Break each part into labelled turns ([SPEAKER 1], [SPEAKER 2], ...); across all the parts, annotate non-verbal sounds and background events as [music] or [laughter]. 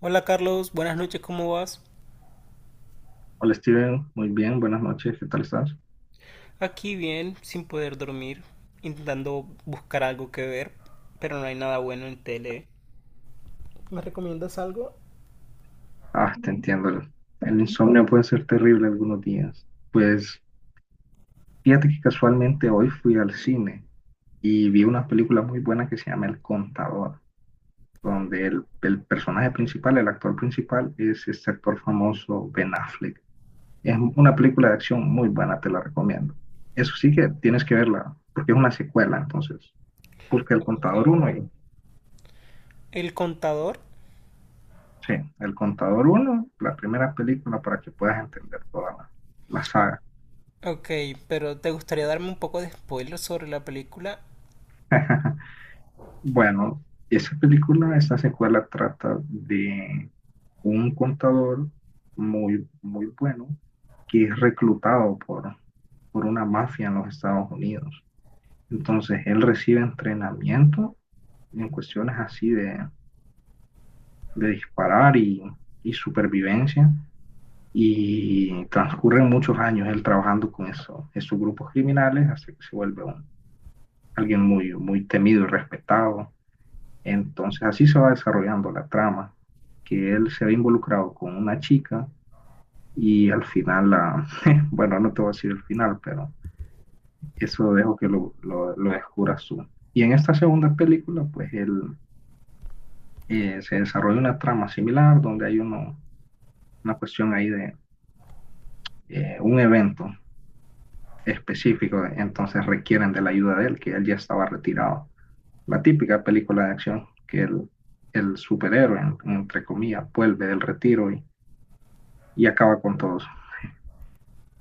[SPEAKER 1] Hola Carlos, buenas noches, ¿cómo vas?
[SPEAKER 2] Hola Steven, muy bien, buenas noches, ¿qué tal estás?
[SPEAKER 1] Aquí bien, sin poder dormir, intentando buscar algo que ver, pero no hay nada bueno en tele. ¿Me recomiendas algo?
[SPEAKER 2] Ah, te entiendo, el insomnio puede ser terrible algunos días. Pues fíjate que casualmente hoy fui al cine y vi una película muy buena que se llama El Contador, donde el personaje principal, el actor principal, es este actor famoso Ben Affleck. Es una película de acción muy buena, te la recomiendo. Eso sí que tienes que verla, porque es una secuela, entonces busca El
[SPEAKER 1] Ok.
[SPEAKER 2] Contador 1.
[SPEAKER 1] El contador.
[SPEAKER 2] Sí, El Contador uno, la primera película para que puedas entender toda la saga.
[SPEAKER 1] Ok, pero ¿te gustaría darme un poco de spoiler sobre la película?
[SPEAKER 2] [laughs] Bueno, esa película, esa secuela trata de un contador muy, muy bueno que es reclutado por una mafia en los Estados Unidos. Entonces, él recibe entrenamiento en cuestiones así de disparar y supervivencia y transcurren muchos años él trabajando con eso, esos grupos criminales hasta que se vuelve alguien muy, muy temido y respetado. Entonces así se va desarrollando la trama, que él se ve involucrado con una chica y al final, [laughs] bueno, no te voy a decir el final, pero eso dejo que lo descubras tú. Y en esta segunda película, pues él se desarrolla una trama similar donde hay uno, una cuestión ahí de un evento específico, entonces requieren de la ayuda de él, que él ya estaba retirado. La típica película de acción que el superhéroe, entre comillas, vuelve del retiro y acaba con todos.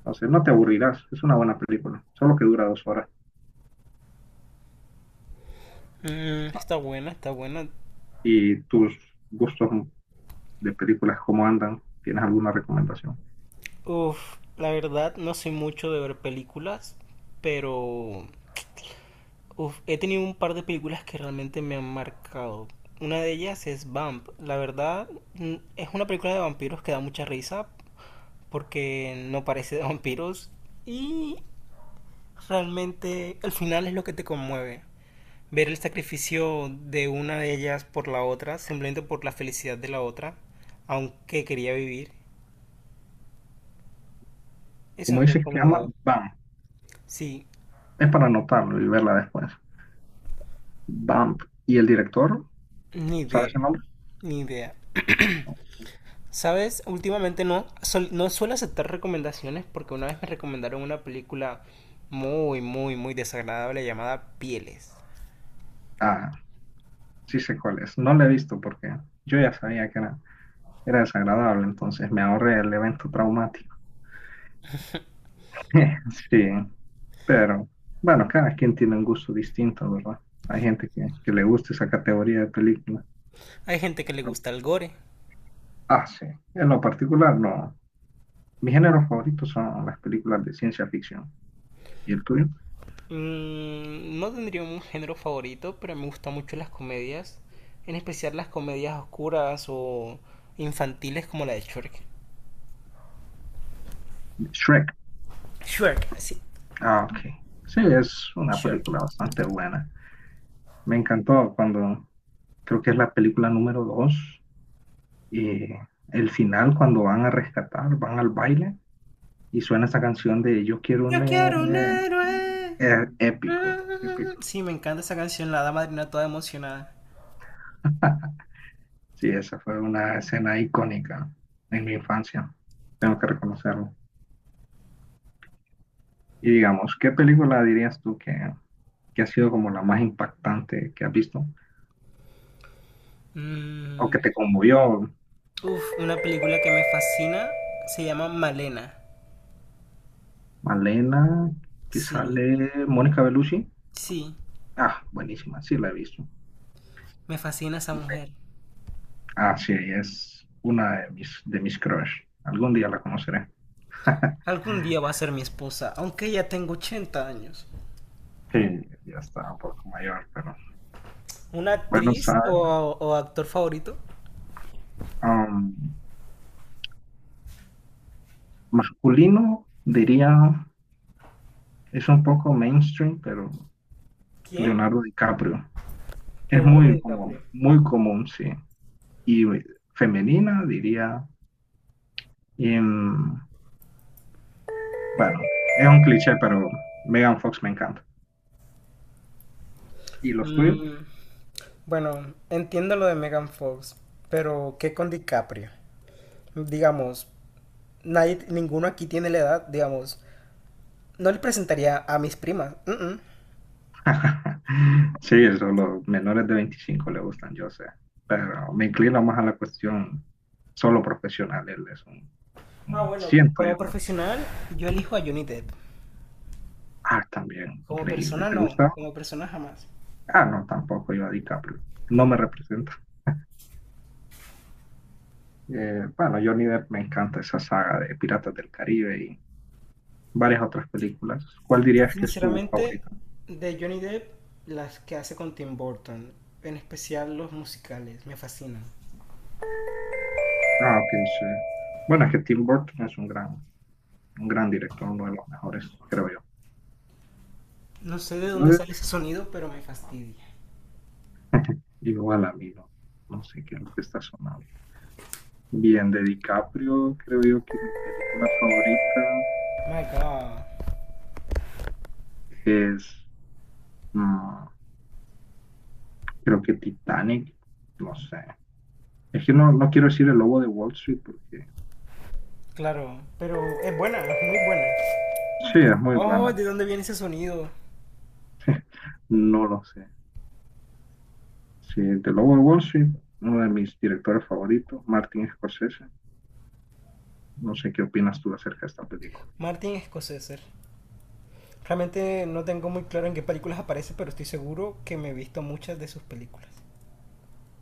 [SPEAKER 2] Entonces no te aburrirás, es una buena película, solo que dura 2 horas.
[SPEAKER 1] Mm, está buena, está buena.
[SPEAKER 2] ¿Y tus gustos de películas cómo andan? ¿Tienes alguna recomendación?
[SPEAKER 1] Uf, la verdad no soy mucho de ver películas, pero Uf, he tenido un par de películas que realmente me han marcado. Una de ellas es Vamp. La verdad, es una película de vampiros que da mucha risa porque no parece de vampiros y realmente el final es lo que te conmueve. Ver el sacrificio de una de ellas por la otra, simplemente por la felicidad de la otra, aunque quería vivir. Eso
[SPEAKER 2] Como
[SPEAKER 1] es muy
[SPEAKER 2] dices que llama
[SPEAKER 1] conmovedor.
[SPEAKER 2] Bam,
[SPEAKER 1] Sí,
[SPEAKER 2] es para anotarlo y verla después. Bam, ¿y el director?
[SPEAKER 1] ni
[SPEAKER 2] ¿Sabes
[SPEAKER 1] idea,
[SPEAKER 2] el nombre?
[SPEAKER 1] ni idea. Sabes, últimamente no, no suelo aceptar recomendaciones porque una vez me recomendaron una película muy, muy, muy desagradable llamada Pieles.
[SPEAKER 2] Ah, sí sé cuál es. No la he visto porque yo ya sabía que era desagradable, entonces me ahorré el evento traumático. [laughs] Sí, pero bueno, cada quien tiene un gusto distinto, ¿verdad? Hay gente que le gusta esa categoría de película.
[SPEAKER 1] Hay gente que le gusta el gore.
[SPEAKER 2] Ah, sí. En lo particular, no. Mis géneros favoritos son las películas de ciencia ficción. ¿Y el tuyo?
[SPEAKER 1] No tendría un género favorito, pero me gustan mucho las comedias, en especial las comedias oscuras o infantiles como la de Shrek.
[SPEAKER 2] Shrek.
[SPEAKER 1] Shrek, sí,
[SPEAKER 2] Ah, ok. Sí, es una
[SPEAKER 1] Shrek.
[SPEAKER 2] película bastante buena. Me encantó cuando, creo que es la película número dos y el final cuando van a rescatar, van al baile y suena esa canción de Yo quiero un
[SPEAKER 1] Yo quiero un
[SPEAKER 2] héroe.
[SPEAKER 1] héroe.
[SPEAKER 2] Épico, épico.
[SPEAKER 1] Mm. Sí, me encanta esa canción, la dama madrina toda emocionada.
[SPEAKER 2] Sí, esa fue una escena icónica en mi infancia, tengo que reconocerlo. Y digamos, ¿qué película dirías tú que ha sido como la más impactante que has visto o que
[SPEAKER 1] Mm.
[SPEAKER 2] te conmovió?
[SPEAKER 1] Uf, una película que me fascina se llama Malena.
[SPEAKER 2] Malena, que
[SPEAKER 1] Sí,
[SPEAKER 2] sale Mónica Bellucci.
[SPEAKER 1] sí,
[SPEAKER 2] Ah, buenísima, sí la he visto.
[SPEAKER 1] me fascina esa mujer.
[SPEAKER 2] Ah, sí, es una de de mis crush. Algún día la conoceré. [laughs]
[SPEAKER 1] Algún día va a ser mi esposa, aunque ya tengo 80 años.
[SPEAKER 2] Sí, ya está un poco mayor, pero
[SPEAKER 1] ¿Una
[SPEAKER 2] bueno,
[SPEAKER 1] actriz
[SPEAKER 2] ¿sabes?
[SPEAKER 1] o actor favorito?
[SPEAKER 2] Um, Masculino, diría, es un poco mainstream, pero
[SPEAKER 1] ¿Quién?
[SPEAKER 2] Leonardo DiCaprio. Es
[SPEAKER 1] Leonardo
[SPEAKER 2] muy
[SPEAKER 1] DiCaprio.
[SPEAKER 2] como, muy común, sí. Y femenina, diría, em, bueno, es un cliché, pero Megan Fox me encanta. ¿Y los tuyos?
[SPEAKER 1] Mm, bueno, entiendo lo de Megan Fox, pero ¿qué con DiCaprio? Digamos, nadie, ninguno aquí tiene la edad, digamos. No le presentaría a mis primas. Mm, mm.
[SPEAKER 2] [laughs] Sí, eso, los menores de 25 le gustan, yo sé. Pero me inclino más a la cuestión solo profesional. Él es un,
[SPEAKER 1] Ah, bueno,
[SPEAKER 2] siento yo.
[SPEAKER 1] como profesional, yo elijo a Johnny Depp.
[SPEAKER 2] Ah, también,
[SPEAKER 1] Como
[SPEAKER 2] increíble.
[SPEAKER 1] persona
[SPEAKER 2] ¿Te
[SPEAKER 1] no,
[SPEAKER 2] gusta?
[SPEAKER 1] como persona jamás.
[SPEAKER 2] Ah, no, tampoco yo a DiCaprio. No me representa. Bueno, Johnny Depp me encanta esa saga de Piratas del Caribe y varias otras películas. ¿Cuál dirías que es tu
[SPEAKER 1] Sinceramente,
[SPEAKER 2] favorita?
[SPEAKER 1] de Johnny Depp, las que hace con Tim Burton, en especial los musicales, me fascinan.
[SPEAKER 2] Ah, ok, sí. Bueno, es que Tim Burton es un gran director, uno de los mejores, creo yo.
[SPEAKER 1] No sé de dónde
[SPEAKER 2] Entonces,
[SPEAKER 1] sale ese sonido, pero me fastidia.
[SPEAKER 2] igual a mí, no, no sé qué es lo que está sonando. Bien, de DiCaprio, creo yo que mi película favorita
[SPEAKER 1] My God.
[SPEAKER 2] es, mm, creo que Titanic, no sé. Es que no quiero decir el lobo de Wall Street porque
[SPEAKER 1] Claro, pero es buena, es muy buena.
[SPEAKER 2] sí, es muy
[SPEAKER 1] Oh,
[SPEAKER 2] buena.
[SPEAKER 1] ¿de
[SPEAKER 2] De
[SPEAKER 1] dónde
[SPEAKER 2] mí.
[SPEAKER 1] viene ese sonido?
[SPEAKER 2] No lo sé. Sí, el lobo de Wall Street, uno de mis directores favoritos, Martin Scorsese. No sé qué opinas tú acerca de esta película.
[SPEAKER 1] Martin Scorsese. Realmente no tengo muy claro en qué películas aparece, pero estoy seguro que me he visto muchas de sus películas.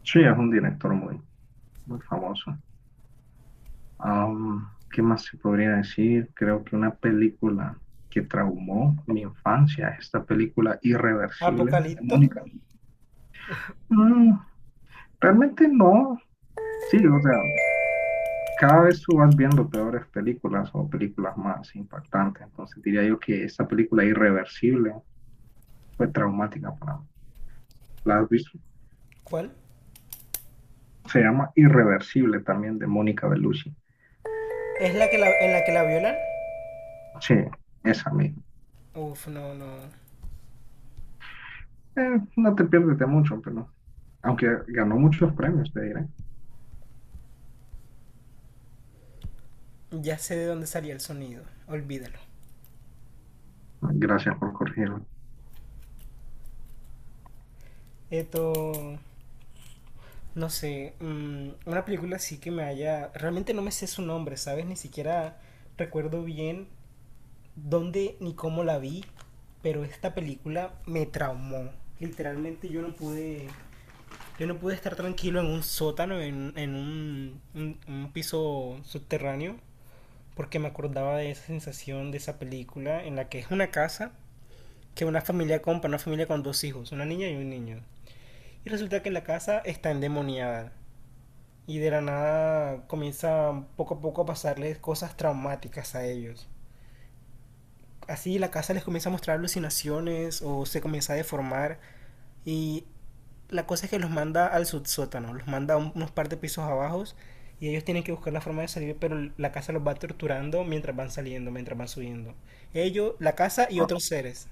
[SPEAKER 2] Sí, es un director muy, muy famoso. Am, ¿qué más se podría decir? Creo que una película que traumó mi infancia, es esta película Irreversible de
[SPEAKER 1] Apocalipto,
[SPEAKER 2] Mónica. Mm, realmente no. Sí, o sea, cada vez tú vas viendo peores películas o películas más impactantes. Entonces diría yo que esta película Irreversible fue traumática para mí. ¿La has visto?
[SPEAKER 1] ¿cuál?
[SPEAKER 2] Se llama Irreversible también de Mónica Bellucci.
[SPEAKER 1] ¿Es la que la, en la que la violan?
[SPEAKER 2] Sí, esa misma.
[SPEAKER 1] Uf, no, no.
[SPEAKER 2] No te pierdes de mucho, pero aunque ganó muchos premios, te diré.
[SPEAKER 1] Ya sé de dónde salía el sonido, olvídalo.
[SPEAKER 2] Gracias por corregirlo.
[SPEAKER 1] Esto, no sé, una película así que me haya... Realmente no me sé su nombre, ¿sabes? Ni siquiera recuerdo bien dónde ni cómo la vi, pero esta película me traumó. Literalmente yo no pude... Yo no pude estar tranquilo en un sótano, en un piso subterráneo, porque me acordaba de esa sensación de esa película en la que es una casa que una familia compra, una familia con dos hijos, una niña y un niño. Y resulta que la casa está endemoniada. Y de la nada comienza poco a poco a pasarles cosas traumáticas a ellos. Así la casa les comienza a mostrar alucinaciones o se comienza a deformar. Y la cosa es que los manda al subsótano, los manda unos par de pisos abajo. Y ellos tienen que buscar la forma de salir, pero la casa los va torturando mientras van saliendo, mientras van subiendo. Ellos, la casa y otros seres.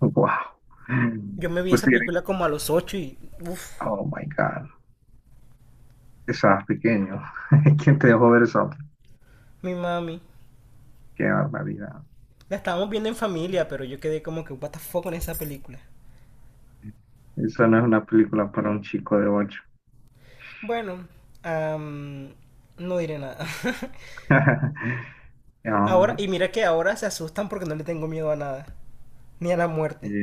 [SPEAKER 2] Wow.
[SPEAKER 1] Yo me vi
[SPEAKER 2] Pues
[SPEAKER 1] esa
[SPEAKER 2] te diré,
[SPEAKER 1] película como a los 8 y... Uff,
[SPEAKER 2] oh my God, estabas pequeño. [laughs] ¿Quién te dejó ver eso?
[SPEAKER 1] mi mami.
[SPEAKER 2] Qué barbaridad.
[SPEAKER 1] La estábamos viendo en familia, pero yo quedé como que, what the fuck con esa película.
[SPEAKER 2] Esa no es una película para un chico de ocho.
[SPEAKER 1] Bueno, am, no diré nada. [laughs]
[SPEAKER 2] [laughs] Ah,
[SPEAKER 1] Ahora, y mira que ahora se asustan porque no le tengo miedo a nada. Ni a la muerte.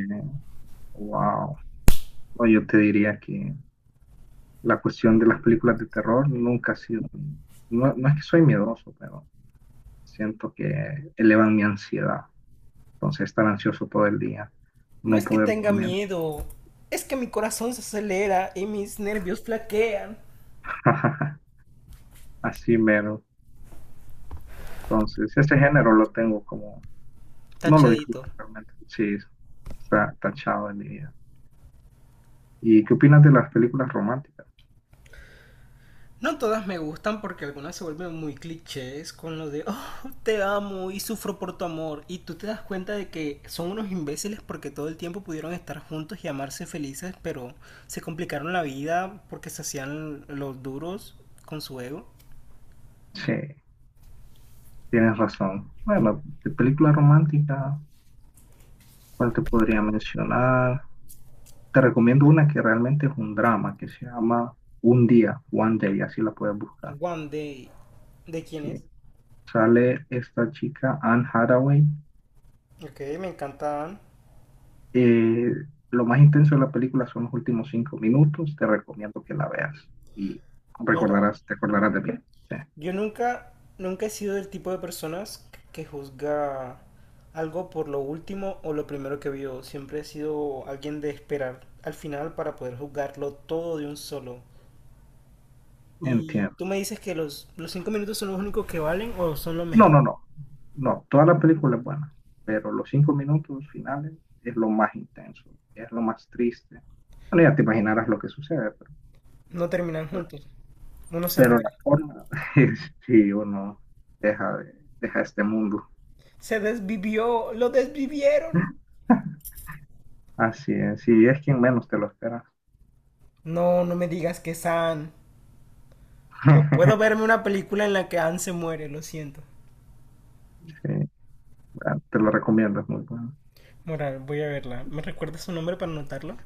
[SPEAKER 2] wow. Yo te diría que la cuestión de las películas de terror nunca ha sido. No, no es que soy miedoso, pero siento que elevan mi ansiedad. Entonces, estar ansioso todo el día,
[SPEAKER 1] No
[SPEAKER 2] no
[SPEAKER 1] es que
[SPEAKER 2] poder
[SPEAKER 1] tenga
[SPEAKER 2] dormir.
[SPEAKER 1] miedo, es que mi corazón se acelera y mis nervios flaquean.
[SPEAKER 2] [laughs] Así mero. Entonces, ese género lo tengo como, no lo disfruto
[SPEAKER 1] Tachadito.
[SPEAKER 2] realmente. Sí, está tachado en mi vida. ¿Y qué opinas de las películas románticas?
[SPEAKER 1] No todas me gustan porque algunas se vuelven muy clichés con lo de, oh, te amo y sufro por tu amor. Y tú te das cuenta de que son unos imbéciles porque todo el tiempo pudieron estar juntos y amarse felices, pero se complicaron la vida porque se hacían los duros con su ego.
[SPEAKER 2] Sí. Tienes razón. Bueno, de película romántica, ¿cuál te podría mencionar? Te recomiendo una que realmente es un drama, que se llama Un Día, One Day, así la puedes buscar.
[SPEAKER 1] One Day, ¿de quién es?
[SPEAKER 2] Sí. Sale esta chica, Anne Hathaway.
[SPEAKER 1] Ok, me encantan.
[SPEAKER 2] Eh, lo más intenso de la película son los últimos 5 minutos. Te recomiendo que la veas y
[SPEAKER 1] Mira,
[SPEAKER 2] te acordarás de mí. Sí,
[SPEAKER 1] yo nunca, nunca he sido del tipo de personas que juzga algo por lo último o lo primero que vio. Siempre he sido alguien de esperar al final para poder juzgarlo todo de un solo. Y
[SPEAKER 2] entiendo.
[SPEAKER 1] tú me dices que los 5 minutos son los únicos que valen o son lo
[SPEAKER 2] No,
[SPEAKER 1] mejor.
[SPEAKER 2] no, no. No, toda la película es buena, pero los 5 minutos finales es lo más intenso, es lo más triste. Bueno, ya te imaginarás lo que sucede, pero,
[SPEAKER 1] No terminan
[SPEAKER 2] pero-
[SPEAKER 1] juntos. Uno se
[SPEAKER 2] pero la
[SPEAKER 1] muere.
[SPEAKER 2] forma [laughs] es si uno deja este mundo.
[SPEAKER 1] Se desvivió, lo desvivieron.
[SPEAKER 2] [laughs] Así es, si es quien menos te lo espera.
[SPEAKER 1] No, no me digas que San. No puedo
[SPEAKER 2] [laughs]
[SPEAKER 1] verme una película en la que Anne se muere, lo siento.
[SPEAKER 2] Sí, bueno, te lo recomiendo, es muy bueno.
[SPEAKER 1] Moral, voy a verla. ¿Me recuerdas su nombre para anotarlo?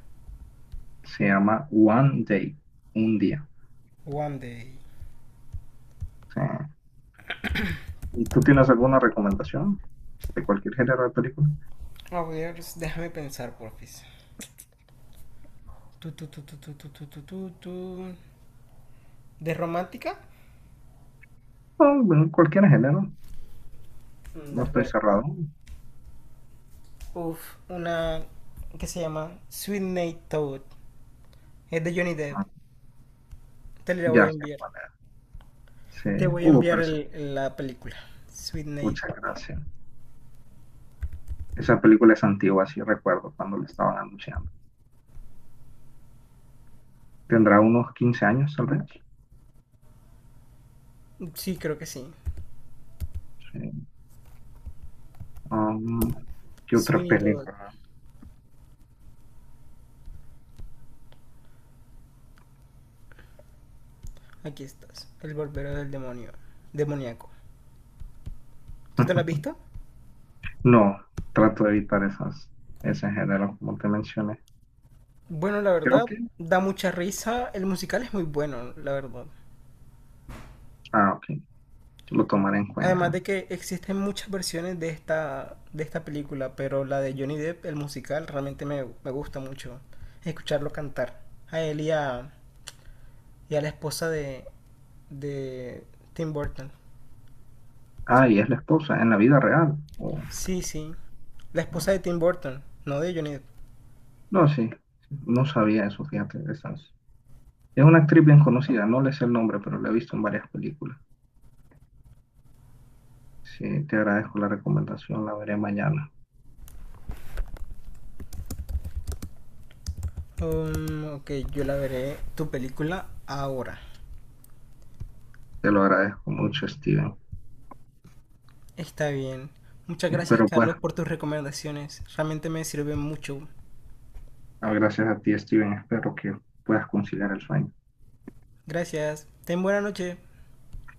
[SPEAKER 2] Se llama One Day, un día.
[SPEAKER 1] One Day.
[SPEAKER 2] Sí. ¿Y tú tienes alguna recomendación de cualquier género de película?
[SPEAKER 1] A ver, déjame pensar, porfis. Tu, tu, tu, tu, tu, tu, tu, tu, tu, tu. ¿De romántica?
[SPEAKER 2] No, bueno, cualquier género,
[SPEAKER 1] Mm, de
[SPEAKER 2] no estoy
[SPEAKER 1] acuerdo.
[SPEAKER 2] cerrado.
[SPEAKER 1] Uf, una que se llama Sweet Night Toad. Es de Johnny Depp. Te la voy
[SPEAKER 2] Ya
[SPEAKER 1] a
[SPEAKER 2] sé
[SPEAKER 1] enviar.
[SPEAKER 2] cuál era. Sí.
[SPEAKER 1] Te voy a enviar
[SPEAKER 2] Pero eso,
[SPEAKER 1] la película. Sweet Night.
[SPEAKER 2] pucha gracia. Esa película es antigua, sí recuerdo cuando la estaban anunciando. Tendrá unos 15 años, tal vez.
[SPEAKER 1] Sí, creo que sí.
[SPEAKER 2] Sí. Um, ¿qué
[SPEAKER 1] Sweet
[SPEAKER 2] otra
[SPEAKER 1] Night Toad.
[SPEAKER 2] película?
[SPEAKER 1] Aquí estás. El barbero del demonio. Demoníaco. ¿Tú te la has
[SPEAKER 2] [laughs]
[SPEAKER 1] visto?
[SPEAKER 2] No, trato de evitar esas, ese género, como te mencioné.
[SPEAKER 1] Bueno, la
[SPEAKER 2] Creo
[SPEAKER 1] verdad,
[SPEAKER 2] que,
[SPEAKER 1] da mucha risa. El musical es muy bueno, la verdad.
[SPEAKER 2] ah, ok, lo tomaré en
[SPEAKER 1] Además
[SPEAKER 2] cuenta.
[SPEAKER 1] de que existen muchas versiones de esta película, pero la de Johnny Depp, el musical, realmente me gusta mucho escucharlo cantar. A él y a la esposa de Tim Burton.
[SPEAKER 2] Ah, y es la esposa, en la vida real. O
[SPEAKER 1] Sí, sí. La esposa
[SPEAKER 2] no,
[SPEAKER 1] de Tim Burton, no de Johnny Depp.
[SPEAKER 2] no, sí, no sabía eso, fíjate, esas. Es una actriz bien conocida, no le sé el nombre, pero la he visto en varias películas. Sí, te agradezco la recomendación, la veré mañana.
[SPEAKER 1] Ok, yo la veré tu película ahora.
[SPEAKER 2] Te lo agradezco mucho, Steven.
[SPEAKER 1] Está bien. Muchas gracias,
[SPEAKER 2] Espero
[SPEAKER 1] Carlos,
[SPEAKER 2] puedas,
[SPEAKER 1] por tus recomendaciones. Realmente me sirven mucho.
[SPEAKER 2] ah, gracias a ti, Steven, espero que puedas conciliar el sueño.
[SPEAKER 1] Gracias. Ten buena noche.